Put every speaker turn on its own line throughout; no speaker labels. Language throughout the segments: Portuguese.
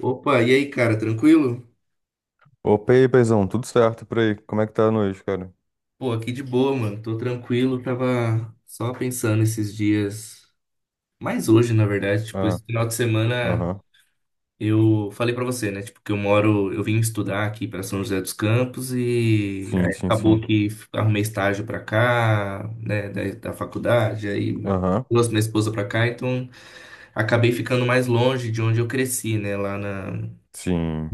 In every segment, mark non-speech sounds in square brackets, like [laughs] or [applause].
Opa, e aí, cara, tranquilo?
Opa, e aí, paizão, tudo certo por aí? Como é que tá a noite, cara?
Pô, aqui de boa, mano. Tô tranquilo, tava só pensando esses dias, mais hoje, na verdade, tipo,
Ah,
esse final de semana
aham.
eu falei pra você, né? Tipo, que eu moro, eu vim estudar aqui pra São José dos Campos e
Sim,
aí
sim,
acabou
sim.
que arrumei estágio pra cá, né, da, da faculdade, aí
Aham.
trouxe minha esposa pra cá, então acabei ficando mais longe de onde eu cresci, né, lá na
Sim,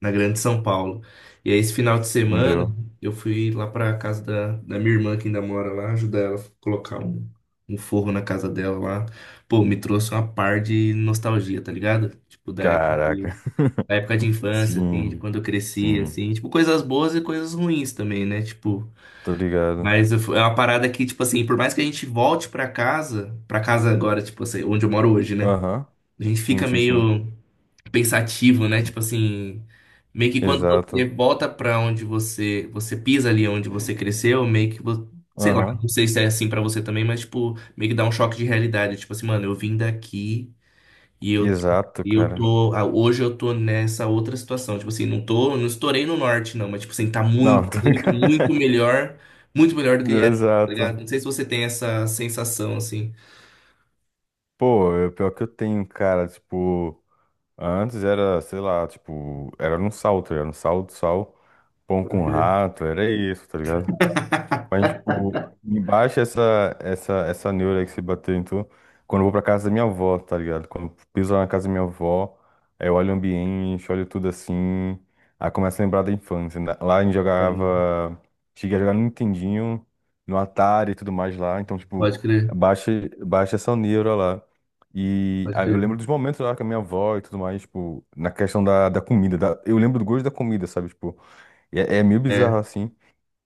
na Grande São Paulo. E aí, esse final de semana,
entendeu?
eu fui lá para casa da, da minha irmã, que ainda mora lá, ajudar ela a colocar um, um forro na casa dela lá. Pô, me trouxe uma par de nostalgia, tá ligado? Tipo,
Caraca.
da
[laughs]
época de infância, assim, de
Sim,
quando eu cresci,
sim.
assim. Tipo, coisas boas e coisas ruins também, né? Tipo.
Tô ligado.
Mas eu é uma parada que, tipo assim, por mais que a gente volte pra casa agora, tipo assim, onde eu moro hoje, né?
Aham.
A gente
Sim,
fica
sim, sim.
meio pensativo, né? Tipo assim, meio que quando você
Exato.
volta pra onde você, você pisa ali onde você cresceu, meio que, sei lá,
Aham.
não sei se é assim pra você também, mas tipo, meio que dá um choque de realidade, tipo assim, mano, eu vim daqui e
Exato,
e eu
cara.
tô, ah, hoje eu tô nessa outra situação, tipo assim, não tô, não estourei no norte não, mas tipo assim, tá muito,
Não, tô
muito,
ligado.
muito melhor do que era,
[laughs]
tá ligado? Não
Exato.
sei se você tem essa sensação assim.
Pô, é o pior que eu tenho, cara. Tipo, antes era, sei lá, tipo, era no sal, tá ligado? Sal, sal, pão
Pode
com
crer.
rato, era isso, tá ligado? Mas, tipo, me baixa essa neura aí que se bateu em tu quando eu vou pra casa da minha avó, tá ligado? Quando eu piso lá na casa da minha avó, aí eu olho o ambiente, olho tudo assim, aí começo a lembrar da infância, né? Lá a gente
É, né?
jogava, cheguei a jogar no Nintendinho, no Atari e tudo mais lá, então, tipo,
Pode crer,
baixa, baixa essa neura lá. E
pode
ah, eu lembro
crer.
dos momentos lá com a minha avó e tudo mais, tipo, na questão da comida, eu lembro do gosto da comida, sabe? Tipo, é meio bizarro
É,
assim.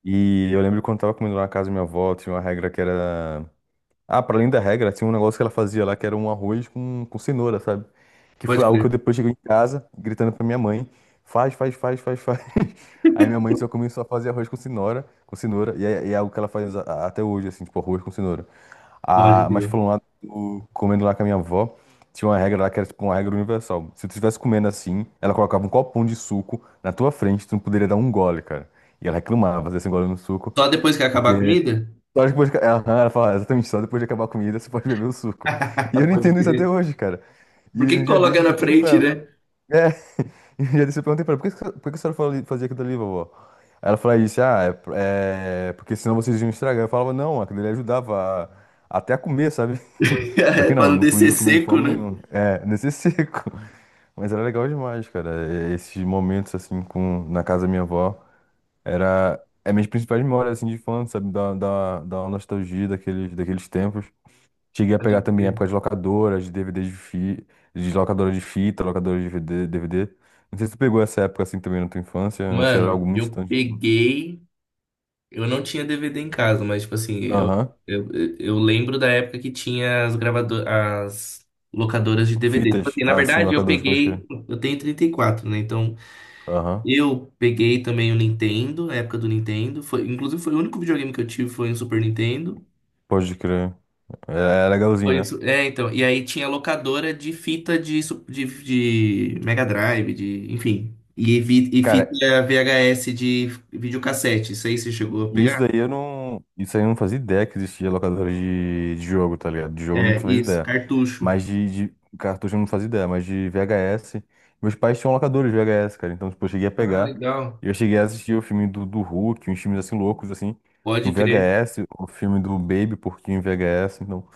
E eu lembro quando eu tava comendo lá na casa da minha avó, tinha uma regra que era. Ah, pra além da regra, tinha um negócio que ela fazia lá, que era um arroz com cenoura, sabe? Que
pode
foi algo que
crer,
eu depois cheguei em casa, gritando pra minha mãe, faz, faz, faz, faz, faz. [laughs] Aí minha mãe só começou a fazer arroz com cenoura, e é algo que ela faz até hoje, assim, tipo, arroz com cenoura.
pode
Ah, mas
crer.
falando lá, comendo lá com a minha avó, tinha uma regra lá que era tipo uma regra universal. Se tu estivesse comendo assim, ela colocava um copão de suco na tua frente, tu não poderia dar um gole, cara. E ela reclamava desse gole no suco,
Só depois que acabar a
porque
comida?
só depois de... Aham, ela fala, exatamente, só depois de acabar a comida você pode beber o suco. E eu
[laughs]
não
Pode
entendo isso até
crer.
hoje, cara. E
Por que
um
que
dia
coloca
desse eu até
na
perguntei pra
frente,
ela.
né?
É, [laughs] e um dia desse eu perguntei pra ela, por que, por que que a senhora fazia aquilo ali, vovó? Aí ela falou isso, ah, é, é porque senão vocês iam estragar. Eu falava, não, aquilo ali ajudava até a comer, sabe? [laughs] Só
[laughs]
que
Pra
não,
não
não
descer
podia comer de
seco,
forma
né?
nenhuma. É, nesse [laughs] seco. Mas era legal demais, cara, é, esses momentos assim na casa da minha avó. Era é minhas principais memórias assim de infância, sabe? Da nostalgia daqueles tempos. Cheguei a
Pode
pegar também
crer.
épocas de locadoras, de DVDs de locadora de fita, locadora de VD DVD. Não sei se tu pegou essa época assim também na tua infância, ou se era
Mano,
algo muito
eu
distante.
peguei. Eu não tinha DVD em casa, mas, tipo assim,
Aham.
eu, eu lembro da época que tinha as gravadoras, as locadoras de DVD. Tipo
Fitas.
assim, na
Ah, sim,
verdade, eu
locadoras, pode crer.
peguei. Eu tenho 34, né? Então,
Aham.
eu peguei também o Nintendo, a época do Nintendo. Foi, inclusive, foi o único videogame que eu tive foi um Super Nintendo.
Pode crer. É, é legalzinho,
Foi
né?
isso. É, então. E aí tinha locadora de fita de, de Mega Drive, de, enfim. E, e fita
Cara,
VHS de videocassete. Isso aí você chegou a
e
pegar?
isso daí eu não. Isso aí eu não fazia ideia que existia locadora de jogo, tá ligado? De jogo eu não
É,
fazia
isso.
ideia.
Cartucho.
Mas de cartucho eu não fazia ideia. Mas de VHS. Meus pais tinham locadores de VHS, cara. Então, tipo, eu cheguei a
Ah,
pegar.
legal.
E eu cheguei a assistir o filme do Hulk, uns filmes assim loucos, assim,
Pode
no
crer.
VHS, o filme do Baby Porquinho em VHS. Então,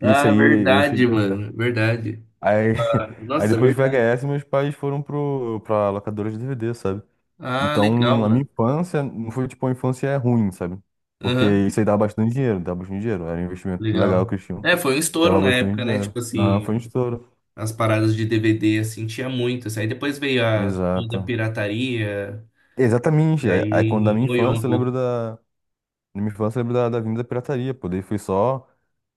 isso
Ah,
aí eu
verdade,
cheguei a ver.
mano. Verdade.
Aí, [laughs] aí
Nossa,
depois de
verdade.
VHS, meus pais foram pra locadora de DVD, sabe?
Ah, legal,
Então, a minha
mano.
infância não foi tipo uma infância ruim, sabe? Porque
Aham,
isso aí dava bastante dinheiro, dava bastante dinheiro. Era um investimento legal
legal.
que eles tinham.
É, foi um estouro
Dava
na
bastante
época, né?
dinheiro.
Tipo
Ah, foi um
assim,
estouro.
as paradas de DVD, assim, tinha muito. Assim. Aí depois veio a toda a
Exato.
pirataria, e
Exatamente. Aí, quando da
aí
minha
moiou um
infância, eu lembro
pouco.
da. Na minha infância, eu lembro da vinda da pirataria, pô. Daí foi só.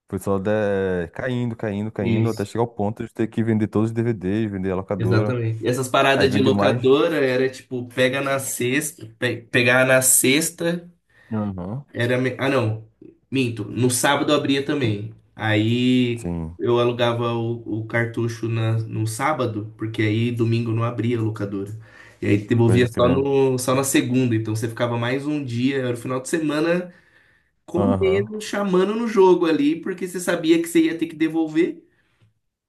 Foi só de caindo, caindo, caindo, até
Isso,
chegar ao ponto de ter que vender todos os DVDs, vender a locadora.
exatamente. E essas
Aí
paradas de
vendeu mais.
locadora era tipo, pega na sexta, pegar na sexta
Aham.
era. Ah, não, minto. No sábado abria também. Aí
Sim,
eu alugava o cartucho na, no sábado, porque aí domingo não abria a locadora. E aí devolvia
pode
só,
crer.
no, só na segunda. Então você ficava mais um dia, era o final de semana
Aham.
comendo, chamando no jogo ali, porque você sabia que você ia ter que devolver.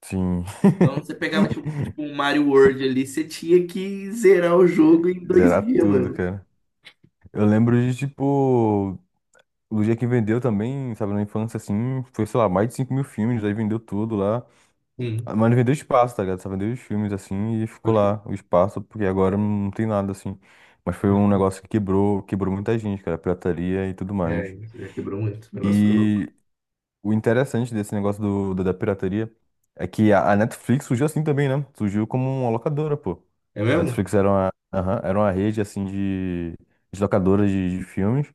Sim.
Então você pegava tipo, tipo um Mario World ali, você tinha que zerar o jogo em
[laughs]
dois
Zerar
dias,
tudo,
mano.
cara. Eu lembro de, tipo, o dia que vendeu também, sabe, na infância, assim, foi, sei lá, mais de 5.000 filmes, aí vendeu tudo lá.
Sim,
Ah, mas não vendeu espaço, tá ligado? Só vendeu os filmes, assim, e ficou
pode crer.
lá o espaço, porque agora não tem nada, assim. Mas foi
Pode
um
crer.
negócio que quebrou, quebrou muita gente, cara, a pirataria e tudo
É,
mais.
é, quebrou muito, o negócio foi louco.
E o interessante desse negócio da pirataria é que a Netflix surgiu assim também, né? Surgiu como uma locadora, pô.
É
A
mesmo?
Netflix era uma, aham, era uma rede, assim, de locadoras de filmes.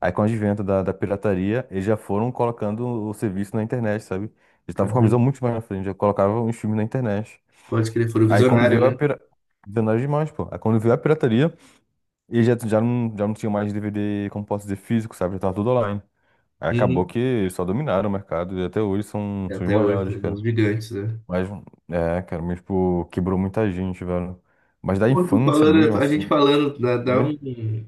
Aí, com o advento da pirataria, eles já foram colocando o serviço na internet, sabe? Eles estavam com uma
Caramba,
visão muito mais na frente, já colocavam os filmes na internet.
pode crer, foram
Aí, quando
visionário,
veio a
né?
pira... Visionário demais, pô. Aí, quando veio a pirataria, eles já, não, já não tinham mais DVD, como posso dizer, físico, sabe? Já tava tudo online. Aí acabou
Uhum.
que só dominaram o mercado e até hoje são,
E
são os
até hoje,
maiores, cara.
uns gigantes, né?
Mas, é, cara, mas, tipo, quebrou muita gente, velho. Mas da
Pô, você
infância mesmo,
falando, a gente
assim.
falando, dá, dá
Oi?
um,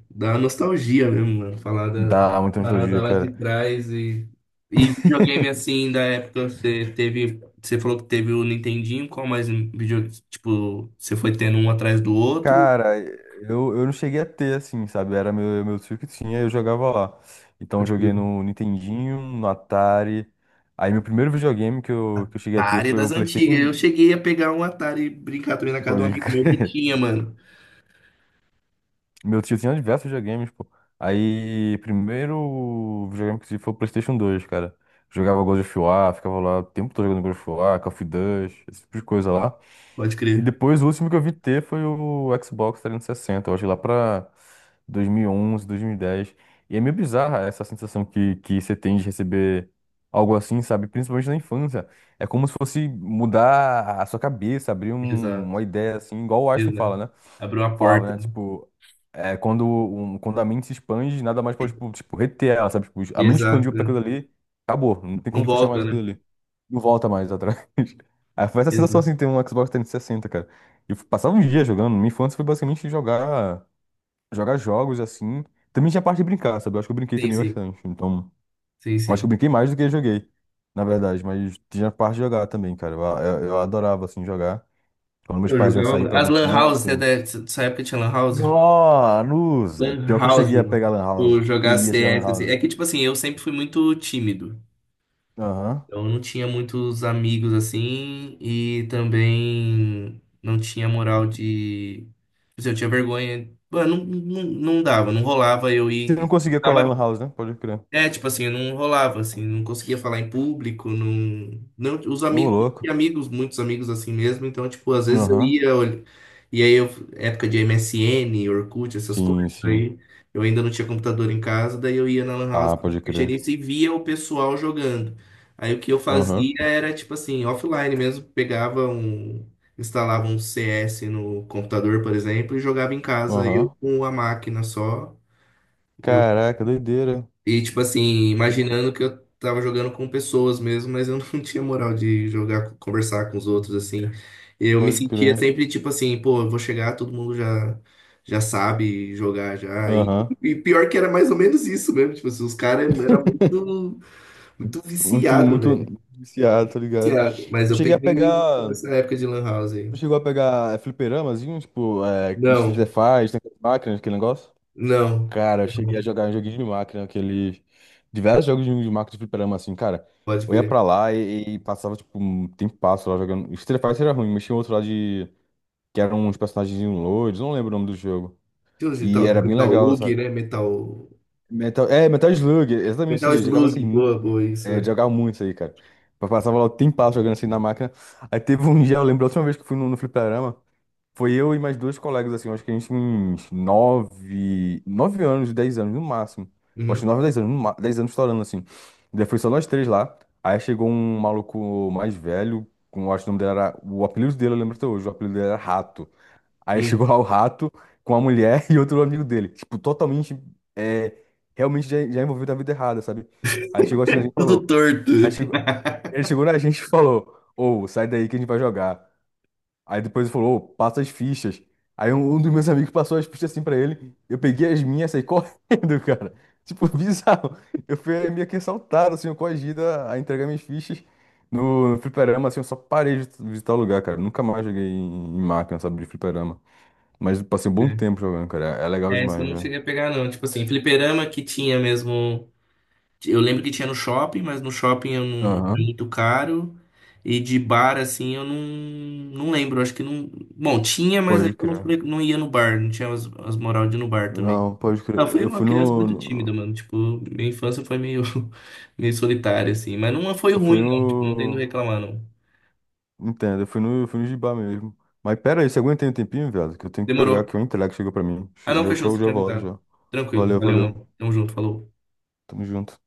dá uma nostalgia mesmo, mano. Falar da
Dá muita
parada
nostalgia,
lá de
cara.
trás e videogame assim, da época você teve. Você falou que teve o Nintendinho, qual mais vídeo, tipo, você foi tendo um atrás do outro?
Cara, eu não cheguei a ter, assim, sabe? Era meu tio que tinha eu jogava lá. Então, eu
Pode
joguei
crer.
no Nintendinho, no Atari. Aí, meu primeiro videogame que eu cheguei a ter
Atari
foi
das
o
antigas.
PlayStation.
Eu cheguei a pegar um Atari e brincar também na casa de um
Pode
amigo meu que
crer.
tinha, mano.
Meu tio tinha diversos videogames, pô. Aí, primeiro videogame que eu tive foi o PlayStation 2, cara. Jogava God of War, ficava lá o tempo todo jogando God of War, Call of Duty, esse tipo de coisa lá.
Pode
E
crer.
depois o último que eu vi ter foi o Xbox 360, eu acho que lá pra 2011, 2010. E onze, 2010. E é meio bizarra essa sensação que você tem de receber algo assim, sabe? Principalmente na infância. É como se fosse mudar a sua cabeça, abrir
Exato.
uma ideia assim, igual o Einstein fala,
Exato.
né?
Abriu a
Falava,
porta,
né?
né?
Tipo, é, quando a mente se expande, nada mais pode, tipo, reter ela, sabe? Tipo, a mente
Exato.
expandiu pra
Né?
aquilo ali, acabou, não tem
Não
como fechar
volta,
mais aquilo
né?
ali. Não volta mais atrás. Aí foi essa sensação
Exato.
assim, ter um Xbox 360, cara. E eu passava uns dias jogando. Minha infância foi basicamente jogar jogos assim. Também tinha a parte de brincar, sabe? Eu acho que eu brinquei
Sim,
também
sim.
bastante. Então,
Sim,
eu acho que eu
sim.
brinquei mais do que eu joguei, na verdade. Mas tinha a parte de jogar também, cara. Eu adorava assim jogar. Quando meus
Eu
pais iam sair
jogava.
pra
As
algum
Lan House, você
canto.
dessa época tinha Lan House?
Nossa, Lusa.
Lan
Pior que eu
House,
cheguei a pegar
mano.
Lan
Tipo,
House.
jogar
Peguei a chegar Lan
CS, assim.
House.
É que, tipo assim, eu sempre fui muito tímido.
Aham.
Então, eu não tinha muitos amigos, assim, e também não tinha moral de... Tipo assim, eu tinha vergonha. Mano, não dava, não rolava eu
Você não
ir... Eu
conseguia colar em Lan
ficava,
House, né? Pode crer.
é, tipo assim, não rolava, assim, não conseguia falar em público, não, não, os
Ô,
amigos, não
louco.
tinha amigos, muitos amigos assim mesmo, então, tipo, às vezes eu
Aham.
ia, olha, e aí eu, época de MSN, Orkut, essas
Sim,
coisas,
sim.
aí eu ainda não tinha computador em casa, daí eu ia na Lan House,
Ah, pode
mexer
crer.
nisso e via o pessoal jogando. Aí o que eu
Aham.
fazia era, tipo assim, offline mesmo, pegava um, instalava um CS no computador, por exemplo, e jogava em casa, eu
Aham.
com a máquina só,
Caraca, doideira.
e, tipo assim,
Eu
imaginando que eu tava jogando com pessoas mesmo, mas eu não [laughs] tinha moral de jogar, conversar com os outros, assim. Eu me
Pode
sentia
crer.
sempre, tipo assim, pô, eu vou chegar, todo mundo já, já sabe jogar já.
Aham.
E pior que era mais ou menos isso mesmo. Tipo assim, os caras eram muito, muito
Muito,
viciado,
muito
velho.
viciado, tá ligado?
Viciado. Mas
Eu
eu
cheguei a
peguei
pegar.
essa época de Lan House aí.
Tu chegou a pegar é, fliperamazinho, tipo, é, Street
Não,
Fighter, máquinas, aquele negócio?
não.
Cara, eu cheguei a jogar um joguinho de máquina, aquele. Diversos jogos de máquina de fliperama, assim, cara.
Pode
Eu ia
crer.
pra lá e passava, tipo, um tempasso lá jogando. Street Fighter era ruim, mas tinha outro lá de. Que eram uns personagens loiros, não lembro o nome do jogo.
Tinha uns de
E
tal
era bem
Metal
legal,
Lug, né? Metal.
Metal Slug, exatamente isso
Metal
aí. Eu jogava assim
Slug. Boa,
muito.
boa, isso.
É,
É.
jogava muito isso aí, cara. Eu passava lá o tempo jogando assim na máquina. Aí teve um dia, eu lembro a última vez que eu fui no fliperama, foi eu e mais dois colegas, assim, eu acho que a gente tinha uns nove, 9 anos, 10 anos no máximo. Eu acho que
Uhum.
nove, dez anos, no ma- 10 anos estourando, assim. Daí foi só nós três lá. Aí chegou um maluco mais velho, eu acho que o nome dele era. O apelido dele, eu lembro até hoje, o apelido dele era Rato. Aí chegou
Uhum.
lá o rato com a mulher [laughs] e outro amigo dele. Tipo, totalmente, é, realmente já envolvido na vida errada, sabe? Aí chegou assim, a gente falou.
Tudo torto.
Aí chegou, ele
[laughs]
chegou na [laughs] gente e falou: Ô, sai daí que a gente vai jogar. Aí depois ele falou: Ô, passa as fichas. Aí um dos meus amigos passou as fichas assim pra ele. Eu peguei as minhas e saí [laughs] correndo, cara. Tipo, [laughs] bizarro. Eu fui meio que assaltado, assim, eu coagido a entregar minhas fichas no fliperama, assim, eu só parei de visitar o lugar, cara. Nunca mais joguei em máquina, sabe, de fliperama. Mas eu passei um bom tempo jogando, cara. É legal
É, isso eu
demais,
não
velho.
cheguei a pegar, não. Tipo assim, fliperama que tinha mesmo. Eu lembro que tinha no shopping, mas no shopping eu não, era
Aham,
muito caro. E de bar, assim, eu não, não lembro. Acho que não. Bom, tinha, mas aí
pode
eu não,
crer.
não ia no bar. Não tinha as, as moral de ir no bar também.
Não, pode
Ah, eu
crer.
fui
Eu
uma
fui
criança
no.
muito tímida,
no-
mano. Tipo, minha infância foi meio, [laughs] meio solitária, assim. Mas não foi
Eu fui
ruim, não. Tipo, não tem do que
no.
reclamar, não.
Entendo, eu fui no Gibá mesmo. Mas pera aí, você aguenta aí um tempinho, velho? Que eu tenho que pegar
Demorou.
aqui o entrega que chegou pra mim.
Ah, não,
Show,
fechou,
show,
você
já
tinha
volto
avisado.
já.
Tranquilo.
Valeu,
Valeu,
valeu.
mano. Tamo junto, falou.
Tamo junto.